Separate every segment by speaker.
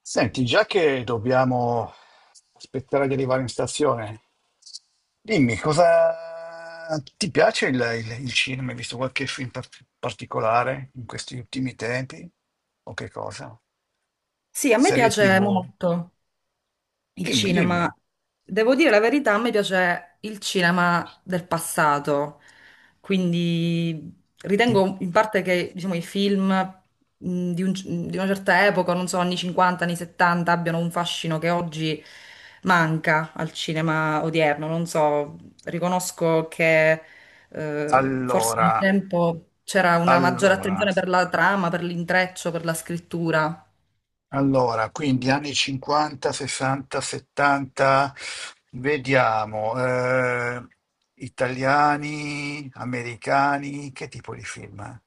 Speaker 1: Senti, già che dobbiamo aspettare di arrivare in stazione, dimmi cosa ti piace il cinema? Hai visto qualche film particolare in questi ultimi tempi? O che cosa?
Speaker 2: Sì, a me
Speaker 1: Serie
Speaker 2: piace
Speaker 1: TV?
Speaker 2: molto il
Speaker 1: Dimmi, dimmi.
Speaker 2: cinema. Devo dire la verità, a me piace il cinema del passato. Quindi ritengo in parte che, diciamo, i film mh, di, un- di una certa epoca, non so, anni 50, anni 70, abbiano un fascino che oggi manca al cinema odierno. Non so, riconosco che forse un
Speaker 1: Allora,
Speaker 2: tempo c'era una maggiore
Speaker 1: allora.
Speaker 2: attenzione per la trama, per l'intreccio, per la scrittura.
Speaker 1: Allora, quindi anni 50, 60, 70, vediamo, italiani, americani, che tipo di film?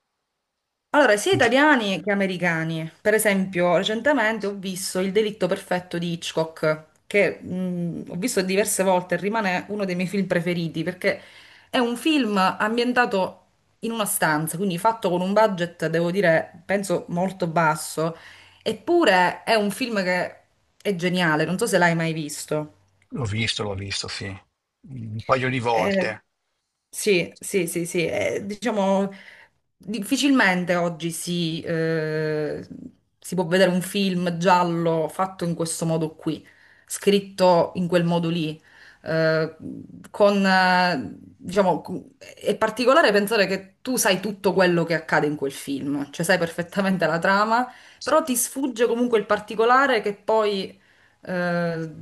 Speaker 2: Allora, sia
Speaker 1: In ge-
Speaker 2: italiani che americani. Per esempio, recentemente ho visto Il delitto perfetto di Hitchcock, che ho visto diverse volte e rimane uno dei miei film preferiti, perché è un film ambientato in una stanza, quindi fatto con un budget, devo dire, penso molto basso, eppure è un film che è geniale, non so se l'hai mai visto.
Speaker 1: L'ho visto, sì, un paio di
Speaker 2: Eh,
Speaker 1: volte.
Speaker 2: sì, sì, sì, sì, diciamo difficilmente oggi si può vedere un film giallo fatto in questo modo qui, scritto in quel modo lì. eh, diciamo, è particolare pensare che tu sai tutto quello che accade in quel film, cioè sai perfettamente la trama, però ti sfugge comunque il particolare che poi eh,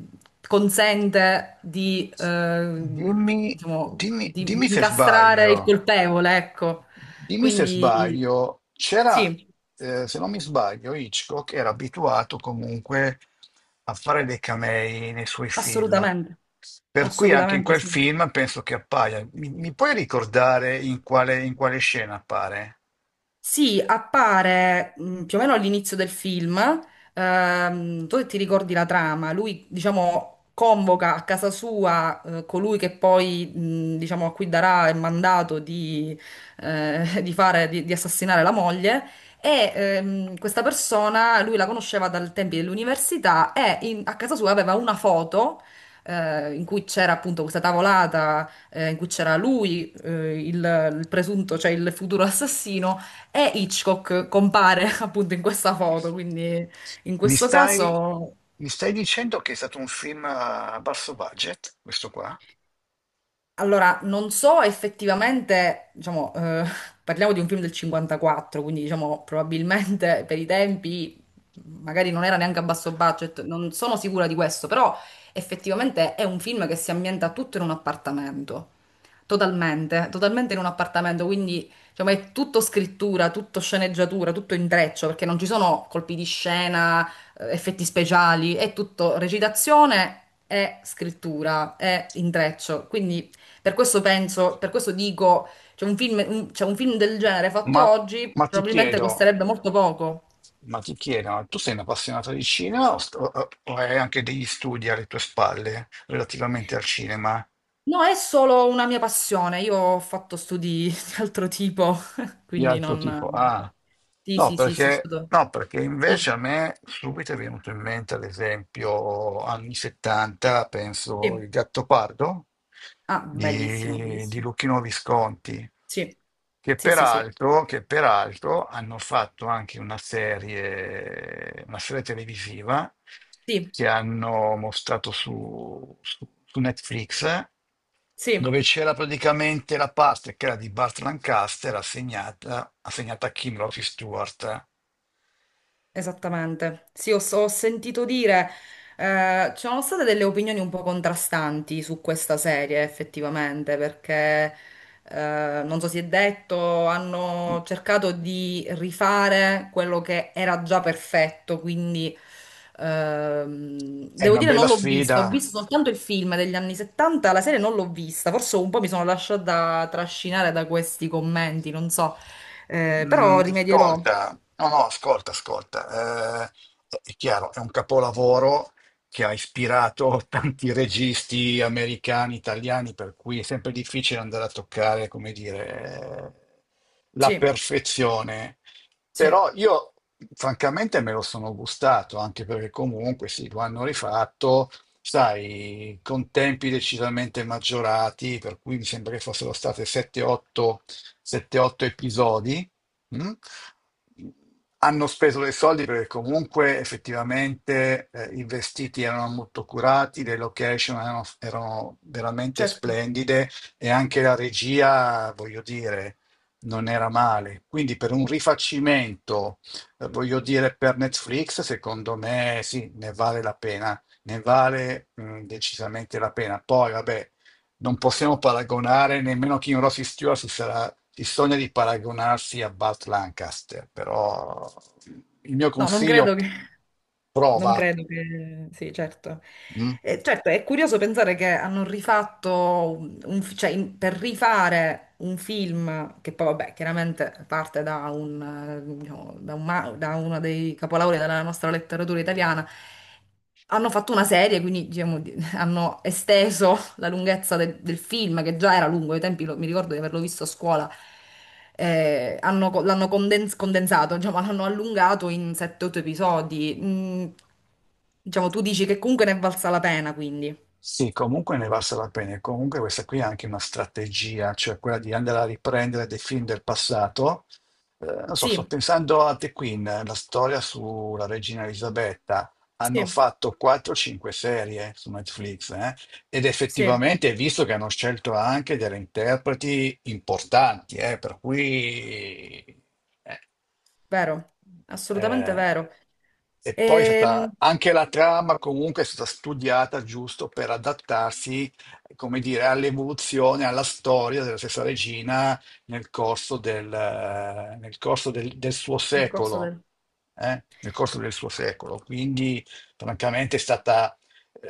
Speaker 2: consente di,
Speaker 1: Dimmi,
Speaker 2: diciamo,
Speaker 1: dimmi,
Speaker 2: di,
Speaker 1: dimmi
Speaker 2: di
Speaker 1: se
Speaker 2: incastrare
Speaker 1: sbaglio.
Speaker 2: il colpevole, ecco.
Speaker 1: Dimmi se
Speaker 2: Quindi
Speaker 1: sbaglio,
Speaker 2: sì,
Speaker 1: se non mi sbaglio, Hitchcock era abituato comunque a fare dei camei nei suoi film,
Speaker 2: assolutamente,
Speaker 1: per cui anche in
Speaker 2: assolutamente
Speaker 1: quel
Speaker 2: sì.
Speaker 1: film penso che appaia. Mi puoi ricordare in quale scena appare?
Speaker 2: Sì, appare più o meno all'inizio del film. Tu ti ricordi la trama? Lui, diciamo, convoca a casa sua colui che poi, diciamo, a cui darà il mandato di fare, di assassinare la moglie. E questa persona, lui la conosceva dal tempi dell'università e a casa sua aveva una foto. In cui c'era appunto questa tavolata, in cui c'era lui, il presunto, cioè il futuro assassino, e Hitchcock compare appunto in questa foto, quindi in
Speaker 1: Mi
Speaker 2: questo
Speaker 1: stai,
Speaker 2: caso,
Speaker 1: mi stai dicendo che è stato un film a basso budget, questo qua?
Speaker 2: allora non so effettivamente, diciamo, parliamo di un film del 54, quindi diciamo probabilmente per i tempi magari non era neanche a basso budget, non sono sicura di questo, però effettivamente è un film che si ambienta tutto in un appartamento. Totalmente, totalmente in un appartamento, quindi diciamo, è tutto scrittura, tutto sceneggiatura, tutto intreccio, perché non ci sono colpi di scena, effetti speciali, è tutto recitazione e scrittura, è intreccio. Quindi per questo penso, per questo dico, c'è un film, cioè, un film del genere
Speaker 1: Ma,
Speaker 2: fatto oggi
Speaker 1: ma ti
Speaker 2: probabilmente
Speaker 1: chiedo.
Speaker 2: costerebbe molto poco.
Speaker 1: Ma ti chiedo, ma tu sei un appassionato di cinema o, o hai anche degli studi alle tue spalle relativamente al cinema?
Speaker 2: No, è solo una mia passione, io ho fatto studi di altro tipo,
Speaker 1: Di
Speaker 2: quindi
Speaker 1: altro
Speaker 2: non,
Speaker 1: tipo.
Speaker 2: no.
Speaker 1: Ah,
Speaker 2: Sì, sì, sì, sì, ho studiato.
Speaker 1: no, perché invece
Speaker 2: Sì.
Speaker 1: a me subito è venuto in mente, ad esempio, anni 70, penso,
Speaker 2: Sì,
Speaker 1: Il Gattopardo
Speaker 2: ah, bellissimo,
Speaker 1: di
Speaker 2: bellissimo.
Speaker 1: Luchino Visconti,
Speaker 2: Sì,
Speaker 1: che
Speaker 2: sì, sì, sì,
Speaker 1: peraltro, che peraltro hanno fatto anche una serie televisiva
Speaker 2: sì,
Speaker 1: che hanno mostrato su Netflix,
Speaker 2: sì.
Speaker 1: dove c'era praticamente la parte che era di Burt Lancaster assegnata a Kim Rossi Stewart.
Speaker 2: Esattamente. Sì, ho sentito dire, ci sono state delle opinioni un po' contrastanti su questa serie, effettivamente, perché non so si è detto, hanno cercato di rifare quello che era già perfetto, quindi
Speaker 1: È
Speaker 2: devo
Speaker 1: una
Speaker 2: dire
Speaker 1: bella
Speaker 2: non l'ho vista, ho
Speaker 1: sfida.
Speaker 2: visto soltanto il film degli anni 70, la serie non l'ho vista, forse un po' mi sono lasciata trascinare da questi commenti, non so. Però
Speaker 1: Mm,
Speaker 2: rimedierò.
Speaker 1: ascolta, no, no, ascolta, ascolta. È chiaro, è un capolavoro che ha ispirato tanti registi americani, italiani, per cui è sempre difficile andare a toccare, come dire, la
Speaker 2: Sì,
Speaker 1: perfezione.
Speaker 2: sì.
Speaker 1: Però io, francamente, me lo sono gustato, anche perché comunque sì, lo hanno rifatto, sai, con tempi decisamente maggiorati, per cui mi sembra che fossero state 7-8 episodi, mm? Hanno speso dei soldi perché comunque effettivamente i vestiti erano molto curati, le location erano veramente
Speaker 2: Certo,
Speaker 1: splendide, e anche la regia, voglio dire, non era male. Quindi per un rifacimento, voglio dire, per Netflix, secondo me sì, ne vale la pena, decisamente la pena. Poi, vabbè, non possiamo paragonare nemmeno King Rossi Stewart si sogna di paragonarsi a Burt Lancaster, però il mio
Speaker 2: no, non credo
Speaker 1: consiglio:
Speaker 2: che. Non
Speaker 1: prova.
Speaker 2: credo che. Sì, certo.
Speaker 1: Mm?
Speaker 2: Certo, è curioso pensare che hanno rifatto, cioè per rifare un film che poi, vabbè, chiaramente parte da, diciamo, da uno dei capolavori della nostra letteratura italiana, hanno fatto una serie, quindi diciamo, hanno esteso la lunghezza del film, che già era lungo, ai tempi mi ricordo di averlo visto a scuola, l'hanno condensato, diciamo, l'hanno allungato in 7-8 episodi. Diciamo, tu dici che comunque ne è valsa la pena, quindi.
Speaker 1: Sì, comunque ne valsa la pena. E comunque questa qui è anche una strategia, cioè quella di andare a riprendere dei film del passato. Non so, sto
Speaker 2: Sì,
Speaker 1: pensando a The Queen, la storia sulla regina Elisabetta. Hanno
Speaker 2: sì,
Speaker 1: fatto 4-5 serie su Netflix, eh? Ed
Speaker 2: sì,
Speaker 1: effettivamente hai visto che hanno scelto anche delle interpreti importanti, per cui... eh,
Speaker 2: vero, assolutamente
Speaker 1: eh,
Speaker 2: vero.
Speaker 1: e poi è
Speaker 2: Ehm,
Speaker 1: stata, anche la trama comunque è stata studiata giusto per adattarsi, come dire, all'evoluzione, alla storia della stessa regina del suo
Speaker 2: nel corso
Speaker 1: secolo.
Speaker 2: del.
Speaker 1: Nel corso del suo secolo. Quindi, francamente, è stata,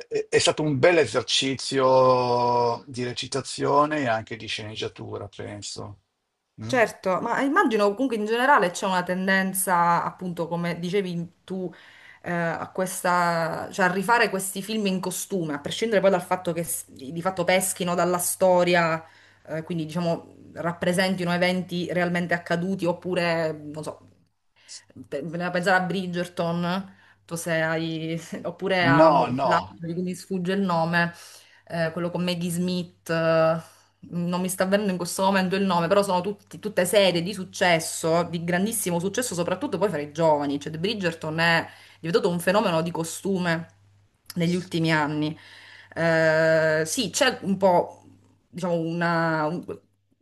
Speaker 1: è stato un bel esercizio di recitazione e anche di sceneggiatura, penso. Mm?
Speaker 2: Certo, ma immagino comunque in generale c'è una tendenza, appunto, come dicevi tu, a questa, cioè a rifare questi film in costume, a prescindere poi dal fatto che di fatto peschino dalla storia, quindi diciamo rappresentino eventi realmente accaduti oppure, non so. Voleva pensare a Bridgerton, tu se hai, oppure
Speaker 1: No,
Speaker 2: l'altro
Speaker 1: no,
Speaker 2: di cui mi sfugge il nome, quello con Maggie Smith, non mi sta avvenendo in questo momento il nome, però sono tutte serie di successo, di grandissimo successo, soprattutto poi fra i giovani, cioè The Bridgerton è diventato un fenomeno di costume negli ultimi anni. Sì, c'è un po', diciamo,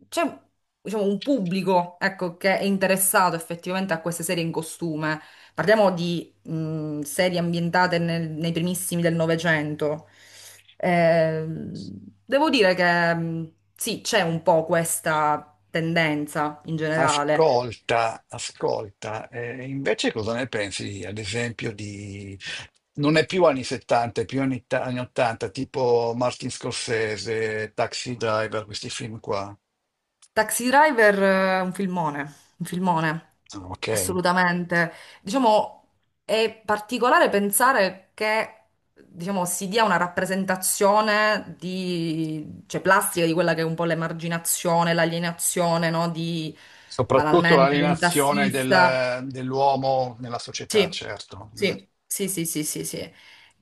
Speaker 2: c'è diciamo, un pubblico, ecco, che è interessato effettivamente a queste serie in costume. Parliamo di serie ambientate nei primissimi del Novecento. Devo dire che sì, c'è un po' questa tendenza in generale.
Speaker 1: ascolta, ascolta. Invece cosa ne pensi, ad esempio, di... Non è più anni 70, è più anni, anni 80, tipo Martin Scorsese, Taxi Driver, questi film qua.
Speaker 2: Taxi Driver è un filmone,
Speaker 1: Ah, ok.
Speaker 2: assolutamente. Diciamo, è particolare pensare che, diciamo, si dia una rappresentazione di, cioè, plastica di quella che è un po' l'emarginazione, l'alienazione, no? Di,
Speaker 1: Soprattutto
Speaker 2: banalmente, un
Speaker 1: l'alienazione
Speaker 2: tassista.
Speaker 1: dell'uomo nella società,
Speaker 2: Sì,
Speaker 1: certo. Mm.
Speaker 2: sì, sì, sì, sì, sì, sì.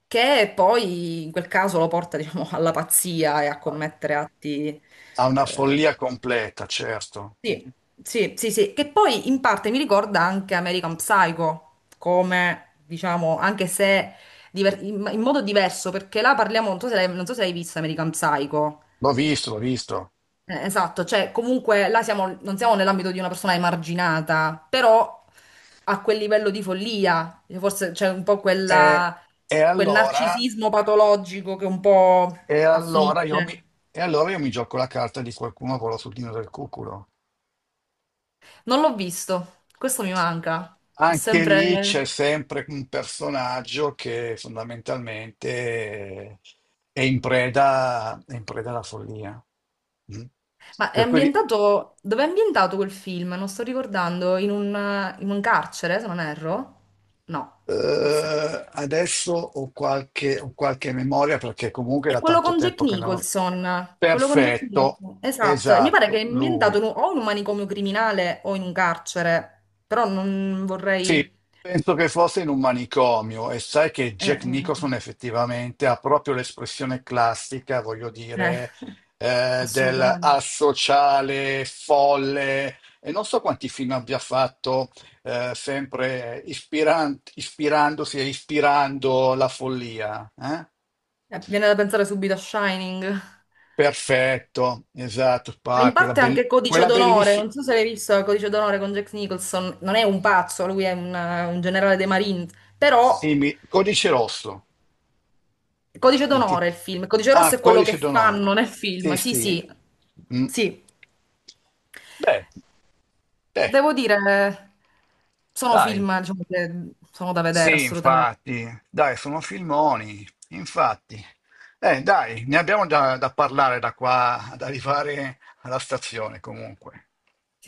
Speaker 2: Che poi in quel caso lo porta, diciamo, alla pazzia e a commettere atti
Speaker 1: Ha una
Speaker 2: eh,
Speaker 1: follia completa, certo.
Speaker 2: sì, sì, sì, sì, che poi in parte mi ricorda anche American Psycho, come diciamo, anche se in modo diverso, perché là parliamo, non so se l'hai visto American Psycho.
Speaker 1: L'ho visto, l'ho visto.
Speaker 2: Esatto, cioè comunque là siamo, non siamo nell'ambito di una persona emarginata, però a quel livello di follia, forse c'è un po'
Speaker 1: E,
Speaker 2: quella,
Speaker 1: e
Speaker 2: quel
Speaker 1: allora,
Speaker 2: narcisismo patologico che un po'
Speaker 1: e, allora io mi,
Speaker 2: affligge.
Speaker 1: e allora io mi gioco la carta di qualcuno con la sudina del cuculo.
Speaker 2: Non l'ho visto, questo mi manca. Ho
Speaker 1: Anche lì c'è
Speaker 2: sempre.
Speaker 1: sempre un personaggio che fondamentalmente è in preda alla follia. Mm.
Speaker 2: Ma è
Speaker 1: Per cui
Speaker 2: ambientato. Dove è ambientato quel film? Non sto ricordando. In un carcere, se non erro? No, forse.
Speaker 1: Adesso ho qualche memoria, perché comunque
Speaker 2: È
Speaker 1: da
Speaker 2: quello
Speaker 1: tanto
Speaker 2: con Jack
Speaker 1: tempo che non ho...
Speaker 2: Nicholson. Quello con Jack
Speaker 1: Perfetto,
Speaker 2: Nicholson. Esatto. E mi pare che
Speaker 1: esatto,
Speaker 2: è ambientato
Speaker 1: lui.
Speaker 2: o in un manicomio criminale o in un carcere. Però non
Speaker 1: Sì,
Speaker 2: vorrei.
Speaker 1: penso che fosse in un manicomio, e sai che
Speaker 2: Eh,
Speaker 1: Jack
Speaker 2: eh,
Speaker 1: Nicholson effettivamente ha proprio l'espressione classica, voglio
Speaker 2: eh, eh,
Speaker 1: dire, del
Speaker 2: assolutamente.
Speaker 1: asociale, folle, e non so quanti film abbia fatto, sempre ispirandosi e ispirando la follia. Eh?
Speaker 2: Viene da pensare subito a Shining.
Speaker 1: Perfetto, esatto,
Speaker 2: Ma in
Speaker 1: quella,
Speaker 2: parte anche
Speaker 1: bellissima,
Speaker 2: Codice
Speaker 1: quella
Speaker 2: d'onore, non
Speaker 1: bellissimi-
Speaker 2: so se l'hai visto Codice d'onore con Jack Nicholson, non è un pazzo, lui è un generale dei Marines, però
Speaker 1: Codice Rosso.
Speaker 2: Codice
Speaker 1: I
Speaker 2: d'onore è
Speaker 1: tit-
Speaker 2: il film, Codice
Speaker 1: ah,
Speaker 2: rosso è quello
Speaker 1: Codice
Speaker 2: che
Speaker 1: d'onore.
Speaker 2: fanno nel film,
Speaker 1: Sì,
Speaker 2: sì,
Speaker 1: sì.
Speaker 2: sì,
Speaker 1: Mm.
Speaker 2: sì,
Speaker 1: Beh, beh,
Speaker 2: devo dire, sono
Speaker 1: dai.
Speaker 2: film, diciamo, che sono da vedere
Speaker 1: Sì,
Speaker 2: assolutamente.
Speaker 1: infatti. Dai, sono filmoni. Infatti. Dai, ne abbiamo da parlare da qua ad arrivare alla stazione comunque.
Speaker 2: Sì.